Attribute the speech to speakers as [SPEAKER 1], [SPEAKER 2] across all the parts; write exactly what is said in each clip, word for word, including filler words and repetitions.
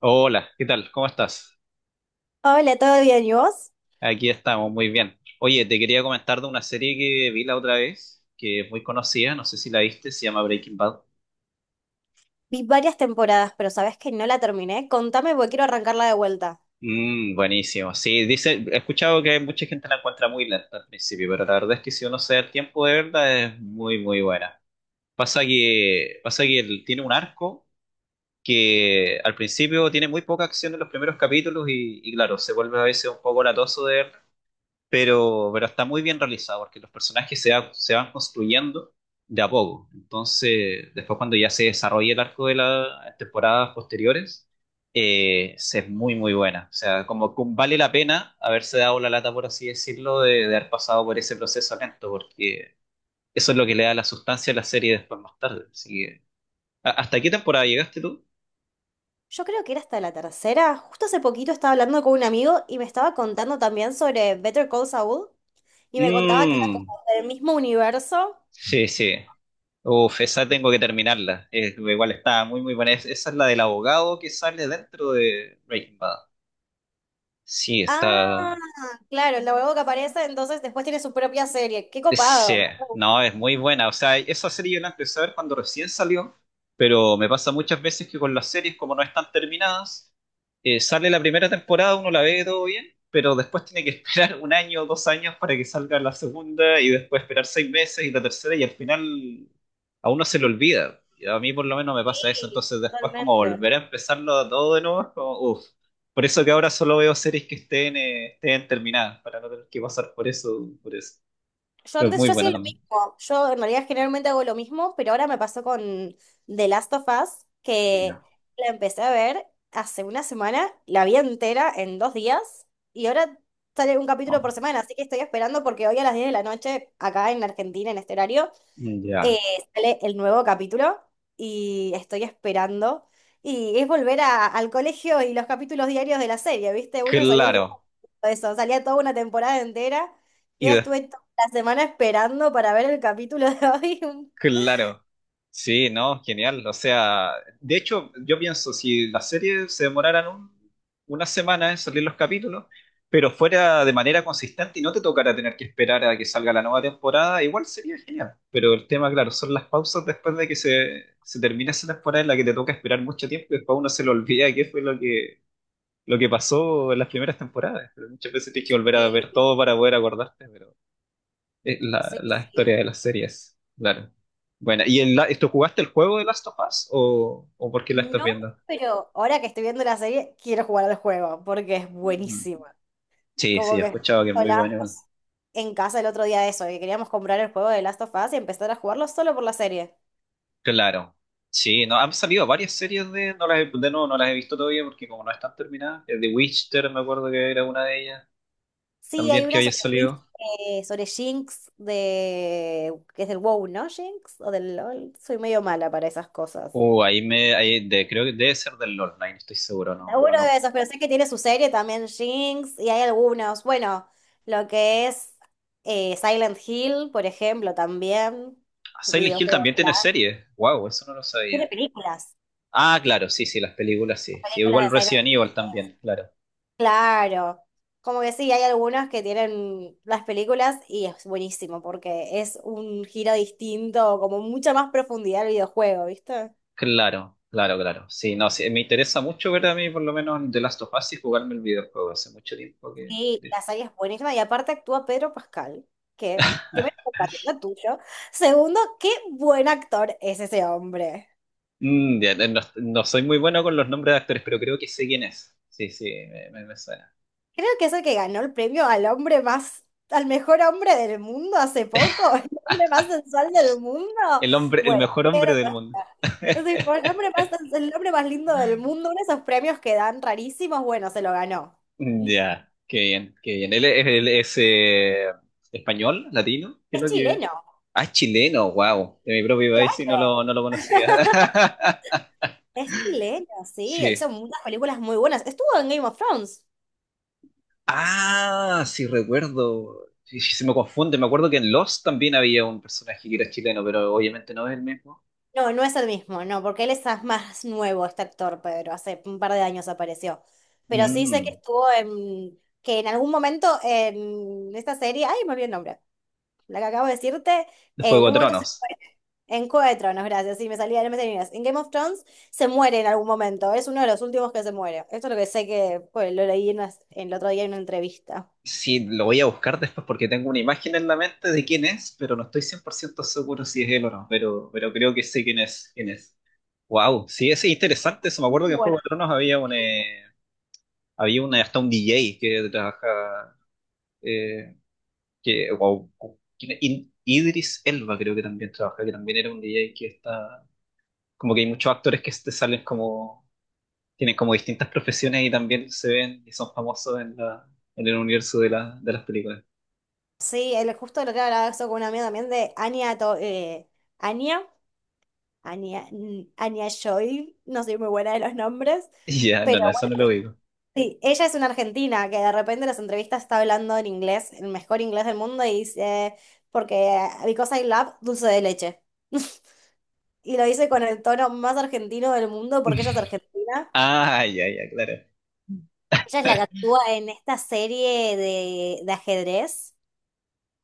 [SPEAKER 1] Hola, ¿qué tal? ¿Cómo estás?
[SPEAKER 2] Hola, ¿todo bien? ¿Y vos?
[SPEAKER 1] Aquí estamos, muy bien. Oye, te quería comentar de una serie que vi la otra vez, que es muy conocida, no sé si la viste, se llama Breaking Bad.
[SPEAKER 2] Vi varias temporadas, pero sabés que no la terminé. Contame porque quiero arrancarla de vuelta.
[SPEAKER 1] Mm, buenísimo. Sí, dice, he escuchado que mucha gente la encuentra muy lenta al principio, pero la verdad es que si uno se da el tiempo de verla es muy, muy buena. Pasa que, pasa que él tiene un arco que al principio tiene muy poca acción en los primeros capítulos y, y claro, se vuelve a veces un poco latoso de ver, pero, pero está muy bien realizado porque los personajes se, va- se van construyendo de a poco. Entonces, después cuando ya se desarrolla el arco de las temporadas posteriores, eh, se es muy, muy buena. O sea, como que vale la pena haberse dado la lata, por así decirlo, de, de haber pasado por ese proceso lento, porque eso es lo que le da la sustancia a la serie después más tarde. Así que, ¿a- ¿hasta qué temporada llegaste tú?
[SPEAKER 2] Yo creo que era hasta la tercera. Justo hace poquito estaba hablando con un amigo y me estaba contando también sobre Better Call Saul y me contaba que era
[SPEAKER 1] Mm.
[SPEAKER 2] como del mismo universo.
[SPEAKER 1] Sí, sí. Uf, esa tengo que terminarla. Es- igual está muy, muy buena. Es- esa es la del abogado que sale dentro de Breaking Bad. Sí,
[SPEAKER 2] Ah,
[SPEAKER 1] está.
[SPEAKER 2] claro, el abogado que aparece entonces después tiene su propia serie. ¡Qué
[SPEAKER 1] Sí,
[SPEAKER 2] copado!
[SPEAKER 1] no, es muy buena. O sea, esa serie yo la empecé a ver cuando recién salió, pero me pasa muchas veces que con las series, como no están terminadas, eh, sale la primera temporada, uno la ve todo bien, pero después tiene que esperar un año o dos años para que salga la segunda y después esperar seis meses y la tercera y al final a uno se le olvida. Y a mí por lo menos me pasa eso,
[SPEAKER 2] Sí,
[SPEAKER 1] entonces después como
[SPEAKER 2] totalmente.
[SPEAKER 1] volver a empezarlo todo de nuevo es como, uff. Por eso que ahora solo veo series que estén, eh, estén terminadas, para no tener que pasar por eso, por eso.
[SPEAKER 2] Yo
[SPEAKER 1] Pero es
[SPEAKER 2] antes,
[SPEAKER 1] muy
[SPEAKER 2] yo hacía
[SPEAKER 1] bueno
[SPEAKER 2] lo
[SPEAKER 1] también.
[SPEAKER 2] mismo. Yo en realidad generalmente hago lo mismo, pero ahora me pasó con The Last of Us,
[SPEAKER 1] Y
[SPEAKER 2] que
[SPEAKER 1] no.
[SPEAKER 2] la empecé a ver hace una semana, la vi entera en dos días, y ahora sale un capítulo
[SPEAKER 1] ¿No?
[SPEAKER 2] por semana, así que estoy esperando porque hoy a las diez de la noche, acá en Argentina, en este horario, eh,
[SPEAKER 1] Ya,
[SPEAKER 2] sale el nuevo capítulo y estoy esperando. Y es volver a- al colegio y los capítulos diarios de la serie, ¿viste? Uno se había olvidado
[SPEAKER 1] claro.
[SPEAKER 2] eso, salía toda una temporada entera y
[SPEAKER 1] Y
[SPEAKER 2] ahora
[SPEAKER 1] des-,
[SPEAKER 2] estuve toda la semana esperando para ver el capítulo de hoy.
[SPEAKER 1] claro. Sí, no, genial. O sea, de hecho, yo pienso, si las series se demoraran un- una semana en salir los capítulos, pero fuera de manera consistente y no te tocara tener que esperar a que salga la nueva temporada, igual sería genial. Pero el tema, claro, son las pausas después de que se, se termina esa temporada en la que te toca esperar mucho tiempo y después uno se le olvida qué fue lo que, lo que pasó en las primeras temporadas. Pero muchas veces tienes que volver a ver
[SPEAKER 2] Sí,
[SPEAKER 1] todo para poder acordarte, pero es la,
[SPEAKER 2] Sí,
[SPEAKER 1] la
[SPEAKER 2] sí.
[SPEAKER 1] historia de las series, claro. Bueno, ¿y el, la- tú jugaste el juego de Last of Us o, o por qué la estás
[SPEAKER 2] No,
[SPEAKER 1] viendo?
[SPEAKER 2] pero ahora que estoy viendo la serie, quiero jugar al juego porque es
[SPEAKER 1] Ujú.
[SPEAKER 2] buenísima.
[SPEAKER 1] Sí, sí,
[SPEAKER 2] Como
[SPEAKER 1] he
[SPEAKER 2] que
[SPEAKER 1] escuchado que es muy
[SPEAKER 2] hola
[SPEAKER 1] bueno igual.
[SPEAKER 2] en casa el otro día de eso, que queríamos comprar el juego de Last of Us y empezar a jugarlo solo por la serie.
[SPEAKER 1] Claro. Sí, no, han salido varias series de, no las he, de nuevo, no las he visto todavía porque como no están terminadas, eh, The Witcher me acuerdo que era una de ellas,
[SPEAKER 2] Sí,
[SPEAKER 1] también
[SPEAKER 2] hay
[SPEAKER 1] que
[SPEAKER 2] una
[SPEAKER 1] había
[SPEAKER 2] sobre Win-
[SPEAKER 1] salido.
[SPEAKER 2] eh, sobre Jinx de que es del WoW, ¿no? Jinx o del LoL. Soy medio mala para esas cosas.
[SPEAKER 1] Uh, ahí me, ahí de- creo que debe ser del LOL, no, ahí no estoy seguro, no, no,
[SPEAKER 2] Seguro de
[SPEAKER 1] no.
[SPEAKER 2] esos, pero sé que tiene su serie también, Jinx, y hay algunos. Bueno, lo que es eh, Silent Hill, por ejemplo, también.
[SPEAKER 1] Ah, Silent Hill
[SPEAKER 2] Videojuegos,
[SPEAKER 1] también tiene
[SPEAKER 2] claro.
[SPEAKER 1] serie. Wow, eso no lo sabía.
[SPEAKER 2] Tiene películas,
[SPEAKER 1] Ah, claro, sí, sí, las películas
[SPEAKER 2] las
[SPEAKER 1] sí. Sí,
[SPEAKER 2] películas
[SPEAKER 1] igual
[SPEAKER 2] de Silent
[SPEAKER 1] Resident
[SPEAKER 2] Hill.
[SPEAKER 1] Evil también, claro.
[SPEAKER 2] Claro. Como que sí, hay algunas que tienen las películas y es buenísimo porque es un giro distinto, como mucha más profundidad al videojuego, ¿viste?
[SPEAKER 1] Claro, claro, claro. Sí, no, sí, me interesa mucho ver a mí por lo menos The Last of Us y jugarme el videojuego. Hace mucho tiempo que...
[SPEAKER 2] Sí,
[SPEAKER 1] de-
[SPEAKER 2] la serie es buenísima y aparte actúa Pedro Pascal, que primero, compatriota tuyo. Segundo, qué buen actor es ese hombre.
[SPEAKER 1] Mm, ya, eh, no, no soy muy bueno con los nombres de actores, pero creo que sé quién es. Sí, sí, me, me- me suena.
[SPEAKER 2] Creo que es el que ganó el premio al hombre más, al mejor hombre del mundo hace poco, el hombre más sensual del mundo.
[SPEAKER 1] El hombre, el
[SPEAKER 2] Bueno,
[SPEAKER 1] mejor hombre
[SPEAKER 2] Pedro
[SPEAKER 1] del mundo.
[SPEAKER 2] Pascal. Sí, fue el hombre más, el hombre más lindo del mundo, uno de esos premios que dan rarísimos, bueno, se lo ganó. Es
[SPEAKER 1] Ya, qué bien, qué bien. Él es, él es, eh, español, latino, creo que...
[SPEAKER 2] chileno,
[SPEAKER 1] Ah, es chileno, wow. De mi propio país sí no
[SPEAKER 2] claro.
[SPEAKER 1] lo, no lo conocía.
[SPEAKER 2] Es chileno, sí.
[SPEAKER 1] Sí.
[SPEAKER 2] Hizo muchas películas muy buenas. Estuvo en Game of Thrones.
[SPEAKER 1] Ah, sí recuerdo. Sí, sí, se me confunde. Me acuerdo que en Lost también había un personaje que era chileno, pero obviamente no es el mismo.
[SPEAKER 2] No, no es el mismo, no, porque él es más nuevo, este actor, Pedro, hace un par de años apareció. Pero sí sé que
[SPEAKER 1] Mm,
[SPEAKER 2] estuvo en, que en algún momento en esta serie, ay, me olvidé el nombre, la que acabo de decirte,
[SPEAKER 1] de
[SPEAKER 2] en
[SPEAKER 1] Juego de
[SPEAKER 2] un momento se fue,
[SPEAKER 1] Tronos.
[SPEAKER 2] en Juego de Tronos, gracias, sí, me salía, no me salía en inglés. En Game of Thrones se muere en algún momento, es uno de los últimos que se muere. Esto es lo que sé que, pues, lo leí en una- el otro día en una entrevista.
[SPEAKER 1] Sí, lo voy a buscar después porque tengo una imagen en la mente de quién es, pero no estoy cien por ciento seguro si es él o no, pero, pero creo que sé quién es, quién es. Wow, sí, es interesante eso. Me acuerdo que en
[SPEAKER 2] Bueno.
[SPEAKER 1] Juego de Tronos había un, eh, había una, hasta un D J que trabaja que, wow, ¿quién es? In- Idris Elba creo que también trabaja, que también era un D J que está, como que hay muchos actores que te salen como, tienen como distintas profesiones y también se ven y son famosos en la, en el universo de la, de las películas.
[SPEAKER 2] Sí, el, justo lo que hablaba eso con una amiga también de Anya, To- eh, Anya. Anya, Anya Joy, no soy muy buena de los nombres,
[SPEAKER 1] Ya, no,
[SPEAKER 2] pero
[SPEAKER 1] no, eso
[SPEAKER 2] bueno,
[SPEAKER 1] no lo digo.
[SPEAKER 2] sí, ella es una argentina que de repente en las entrevistas está hablando en inglés, el mejor inglés del mundo, y dice, porque because I love dulce de leche. Y lo dice con el tono más argentino del mundo porque ella es argentina.
[SPEAKER 1] Ah, ya, ya, claro.
[SPEAKER 2] Ella es la que actúa en esta serie de, de ajedrez.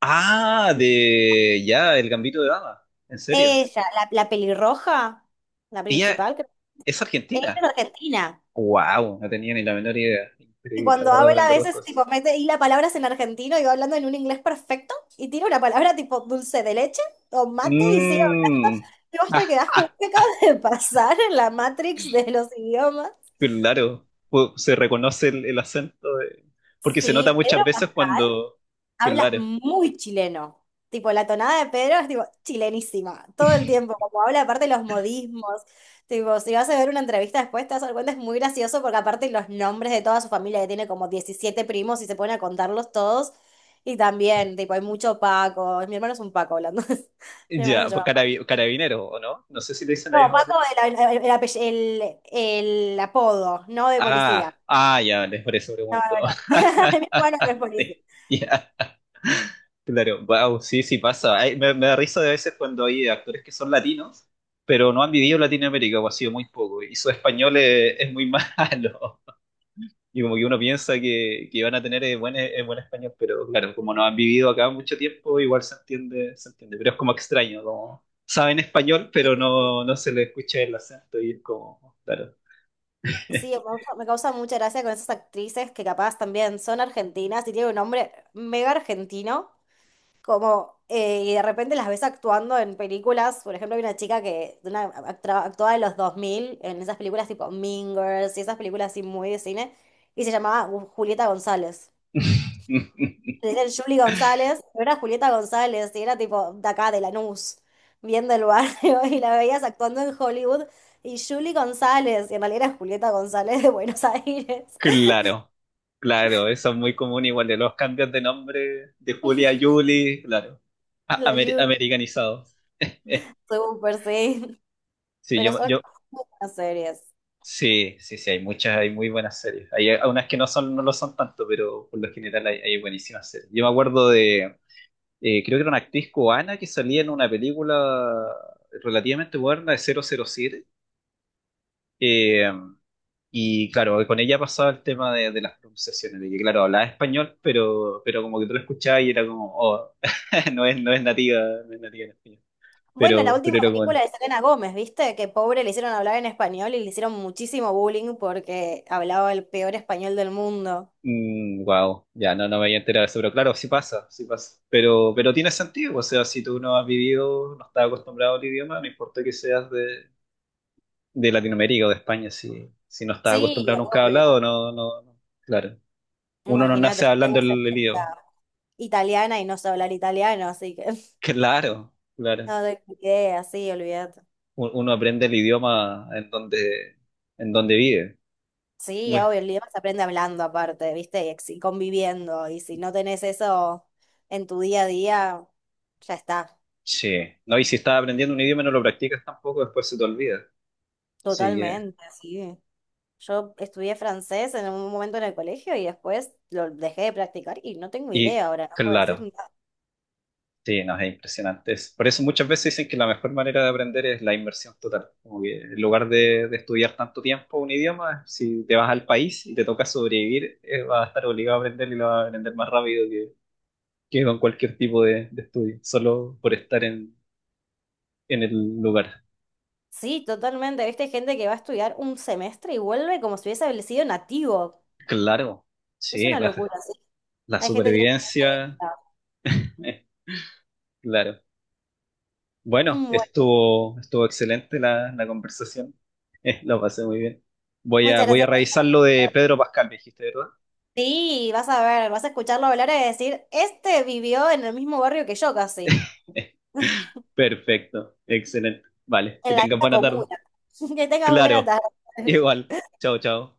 [SPEAKER 1] Ah, de ya, El Gambito de Dama. ¿En serio?
[SPEAKER 2] Ella, la, la pelirroja, la
[SPEAKER 1] Ella
[SPEAKER 2] principal, creo.
[SPEAKER 1] es
[SPEAKER 2] Ella es
[SPEAKER 1] argentina.
[SPEAKER 2] argentina.
[SPEAKER 1] Wow, no tenía ni la menor idea.
[SPEAKER 2] Y
[SPEAKER 1] Increíble,
[SPEAKER 2] cuando
[SPEAKER 1] acabo de
[SPEAKER 2] habla a
[SPEAKER 1] aprender dos
[SPEAKER 2] veces,
[SPEAKER 1] cosas.
[SPEAKER 2] tipo, mete y la palabras en argentino y va hablando en un inglés perfecto y tira una palabra tipo dulce de leche o mate y sigue hablando.
[SPEAKER 1] Mmm.
[SPEAKER 2] Y vos te quedás como, ¿qué acaba de pasar en la Matrix de los idiomas?
[SPEAKER 1] Claro, pu- se reconoce el, el acento, de- porque se nota
[SPEAKER 2] Sí,
[SPEAKER 1] muchas
[SPEAKER 2] Pedro
[SPEAKER 1] veces
[SPEAKER 2] Pascal.
[SPEAKER 1] cuando,
[SPEAKER 2] Habla
[SPEAKER 1] claro,
[SPEAKER 2] muy chileno. Tipo, la tonada de Pedro es tipo chilenísima, todo el tiempo, como habla aparte los modismos. Tipo, si vas a ver una entrevista después, te vas a dar cuenta, es muy gracioso porque aparte los nombres de toda su familia, que tiene como diecisiete primos y se ponen a contarlos todos. Y también, tipo, hay mucho Paco. Mi hermano es un Paco hablando. Mi hermano se
[SPEAKER 1] ya, pues
[SPEAKER 2] llama Paco.
[SPEAKER 1] carabi- carabinero, ¿o no? No sé si le dicen la
[SPEAKER 2] No,
[SPEAKER 1] misma
[SPEAKER 2] Paco
[SPEAKER 1] manera.
[SPEAKER 2] el, el, el apell- el- el apodo, no de
[SPEAKER 1] Ah,
[SPEAKER 2] policía.
[SPEAKER 1] ah, ya, les por eso
[SPEAKER 2] No,
[SPEAKER 1] pregunto.
[SPEAKER 2] no, no. Mi hermano no es policía.
[SPEAKER 1] Sí. Ya, claro, wow, sí, sí pasa. Ay, me, me da risa de veces cuando hay actores que son latinos, pero no han vivido en Latinoamérica, o ha sido muy poco, y su español es, es muy malo. Y como que uno piensa que, que van a tener eh, buen, eh, buen español, pero claro, como no han vivido acá mucho tiempo, igual se entiende, se entiende. Pero es como extraño, como saben español, pero no, no se les escucha el acento y es como, claro.
[SPEAKER 2] Sí, me causa, me causa mucha gracia con esas actrices que capaz también son argentinas y tienen un nombre mega argentino, como, eh, y de repente las ves actuando en películas, por ejemplo, hay una chica que una, actra- actuaba en los dos mil en esas películas tipo Mean Girls y esas películas así muy de cine, y se llamaba Gu- Julieta González. Le decían Julie González, pero era Julieta González y era tipo de acá, de Lanús, bien del barrio, y la veías actuando en Hollywood. Y Julie González, y en realidad era Julieta González de Buenos Aires.
[SPEAKER 1] Claro, claro, eso es muy común igual de los cambios de nombre de Julia a Julie, claro, A-
[SPEAKER 2] La
[SPEAKER 1] amer-
[SPEAKER 2] Juno,
[SPEAKER 1] americanizados.
[SPEAKER 2] súper, sí.
[SPEAKER 1] Sí,
[SPEAKER 2] Pero
[SPEAKER 1] yo,
[SPEAKER 2] son
[SPEAKER 1] yo,
[SPEAKER 2] buenas series.
[SPEAKER 1] sí, sí, sí, hay muchas, hay muy buenas series. Hay unas que no son, no lo son tanto, pero por lo general hay, hay buenísimas series. Yo me acuerdo de, eh, creo que era una actriz cubana que salía en una película relativamente moderna de cero cero siete. eh, y claro, con ella pasaba el tema de, de las pronunciaciones, de que claro, hablaba español, pero, pero como que tú lo escuchabas y era como, oh, no es, no es nativa, no es nativa en español.
[SPEAKER 2] Bueno, la
[SPEAKER 1] Pero,
[SPEAKER 2] última
[SPEAKER 1] pero era bueno.
[SPEAKER 2] película de Selena Gómez, ¿viste? Que pobre le hicieron hablar en español y le hicieron muchísimo bullying porque hablaba el peor español del mundo.
[SPEAKER 1] Wow, ya no, no me había enterado de eso, pero claro, sí pasa, sí pasa. Pero, pero tiene sentido, o sea, si tú no has vivido, no estás acostumbrado al idioma, no importa que seas de, de Latinoamérica o de España, si, si no estás
[SPEAKER 2] Sí,
[SPEAKER 1] acostumbrado nunca a
[SPEAKER 2] obvio.
[SPEAKER 1] hablado, no, no, no, claro. Uno no
[SPEAKER 2] Imagínate,
[SPEAKER 1] nace
[SPEAKER 2] yo
[SPEAKER 1] hablando
[SPEAKER 2] tengo
[SPEAKER 1] el, el
[SPEAKER 2] certeza
[SPEAKER 1] idioma.
[SPEAKER 2] italiana y no sé hablar italiano, así que
[SPEAKER 1] Claro, claro.
[SPEAKER 2] no te idea, sí, olvídate.
[SPEAKER 1] U- Uno aprende el idioma en donde, en donde vive.
[SPEAKER 2] Sí,
[SPEAKER 1] Muy-
[SPEAKER 2] obvio, el idioma se aprende hablando aparte, ¿viste? Y ex- y conviviendo. Y si no tenés eso en tu día a día, ya está.
[SPEAKER 1] sí. No, y si estás aprendiendo un idioma y no lo practicas tampoco, después se te olvida. Sí,
[SPEAKER 2] Totalmente, sí. Yo estudié francés en un momento en el colegio y después lo dejé de practicar y no tengo
[SPEAKER 1] y
[SPEAKER 2] idea ahora, no puedo decir
[SPEAKER 1] claro.
[SPEAKER 2] nada.
[SPEAKER 1] Sí, no, es impresionante. Es- Por eso muchas veces dicen que la mejor manera de aprender es la inmersión total. Como que en lugar de, de estudiar tanto tiempo un idioma, si te vas al país y te toca sobrevivir, eh, vas a estar obligado a aprender y lo vas a aprender más rápido que, que con cualquier tipo de, de estudio, solo por estar en, en el lugar.
[SPEAKER 2] Sí, totalmente. Viste gente que va a estudiar un semestre y vuelve como si hubiese sido nativo.
[SPEAKER 1] Claro,
[SPEAKER 2] Es
[SPEAKER 1] sí,
[SPEAKER 2] una locura,
[SPEAKER 1] la,
[SPEAKER 2] ¿sí?
[SPEAKER 1] la
[SPEAKER 2] Hay gente que tiene...
[SPEAKER 1] supervivencia, eh, claro. Bueno,
[SPEAKER 2] Bueno,
[SPEAKER 1] estuvo, estuvo excelente la, la conversación. Lo pasé muy bien. Voy a,
[SPEAKER 2] muchas
[SPEAKER 1] voy a
[SPEAKER 2] gracias por-
[SPEAKER 1] revisar
[SPEAKER 2] llamar.
[SPEAKER 1] lo de Pedro Pascal, me dijiste, ¿verdad?
[SPEAKER 2] Sí, vas a ver, vas a escucharlo hablar y decir, este vivió en el mismo barrio que yo casi,
[SPEAKER 1] Perfecto, excelente. Vale, que
[SPEAKER 2] en la
[SPEAKER 1] tengas
[SPEAKER 2] misma
[SPEAKER 1] buena tarde.
[SPEAKER 2] comuna. Que tengas buena
[SPEAKER 1] Claro,
[SPEAKER 2] tarde.
[SPEAKER 1] igual. Chao, chao.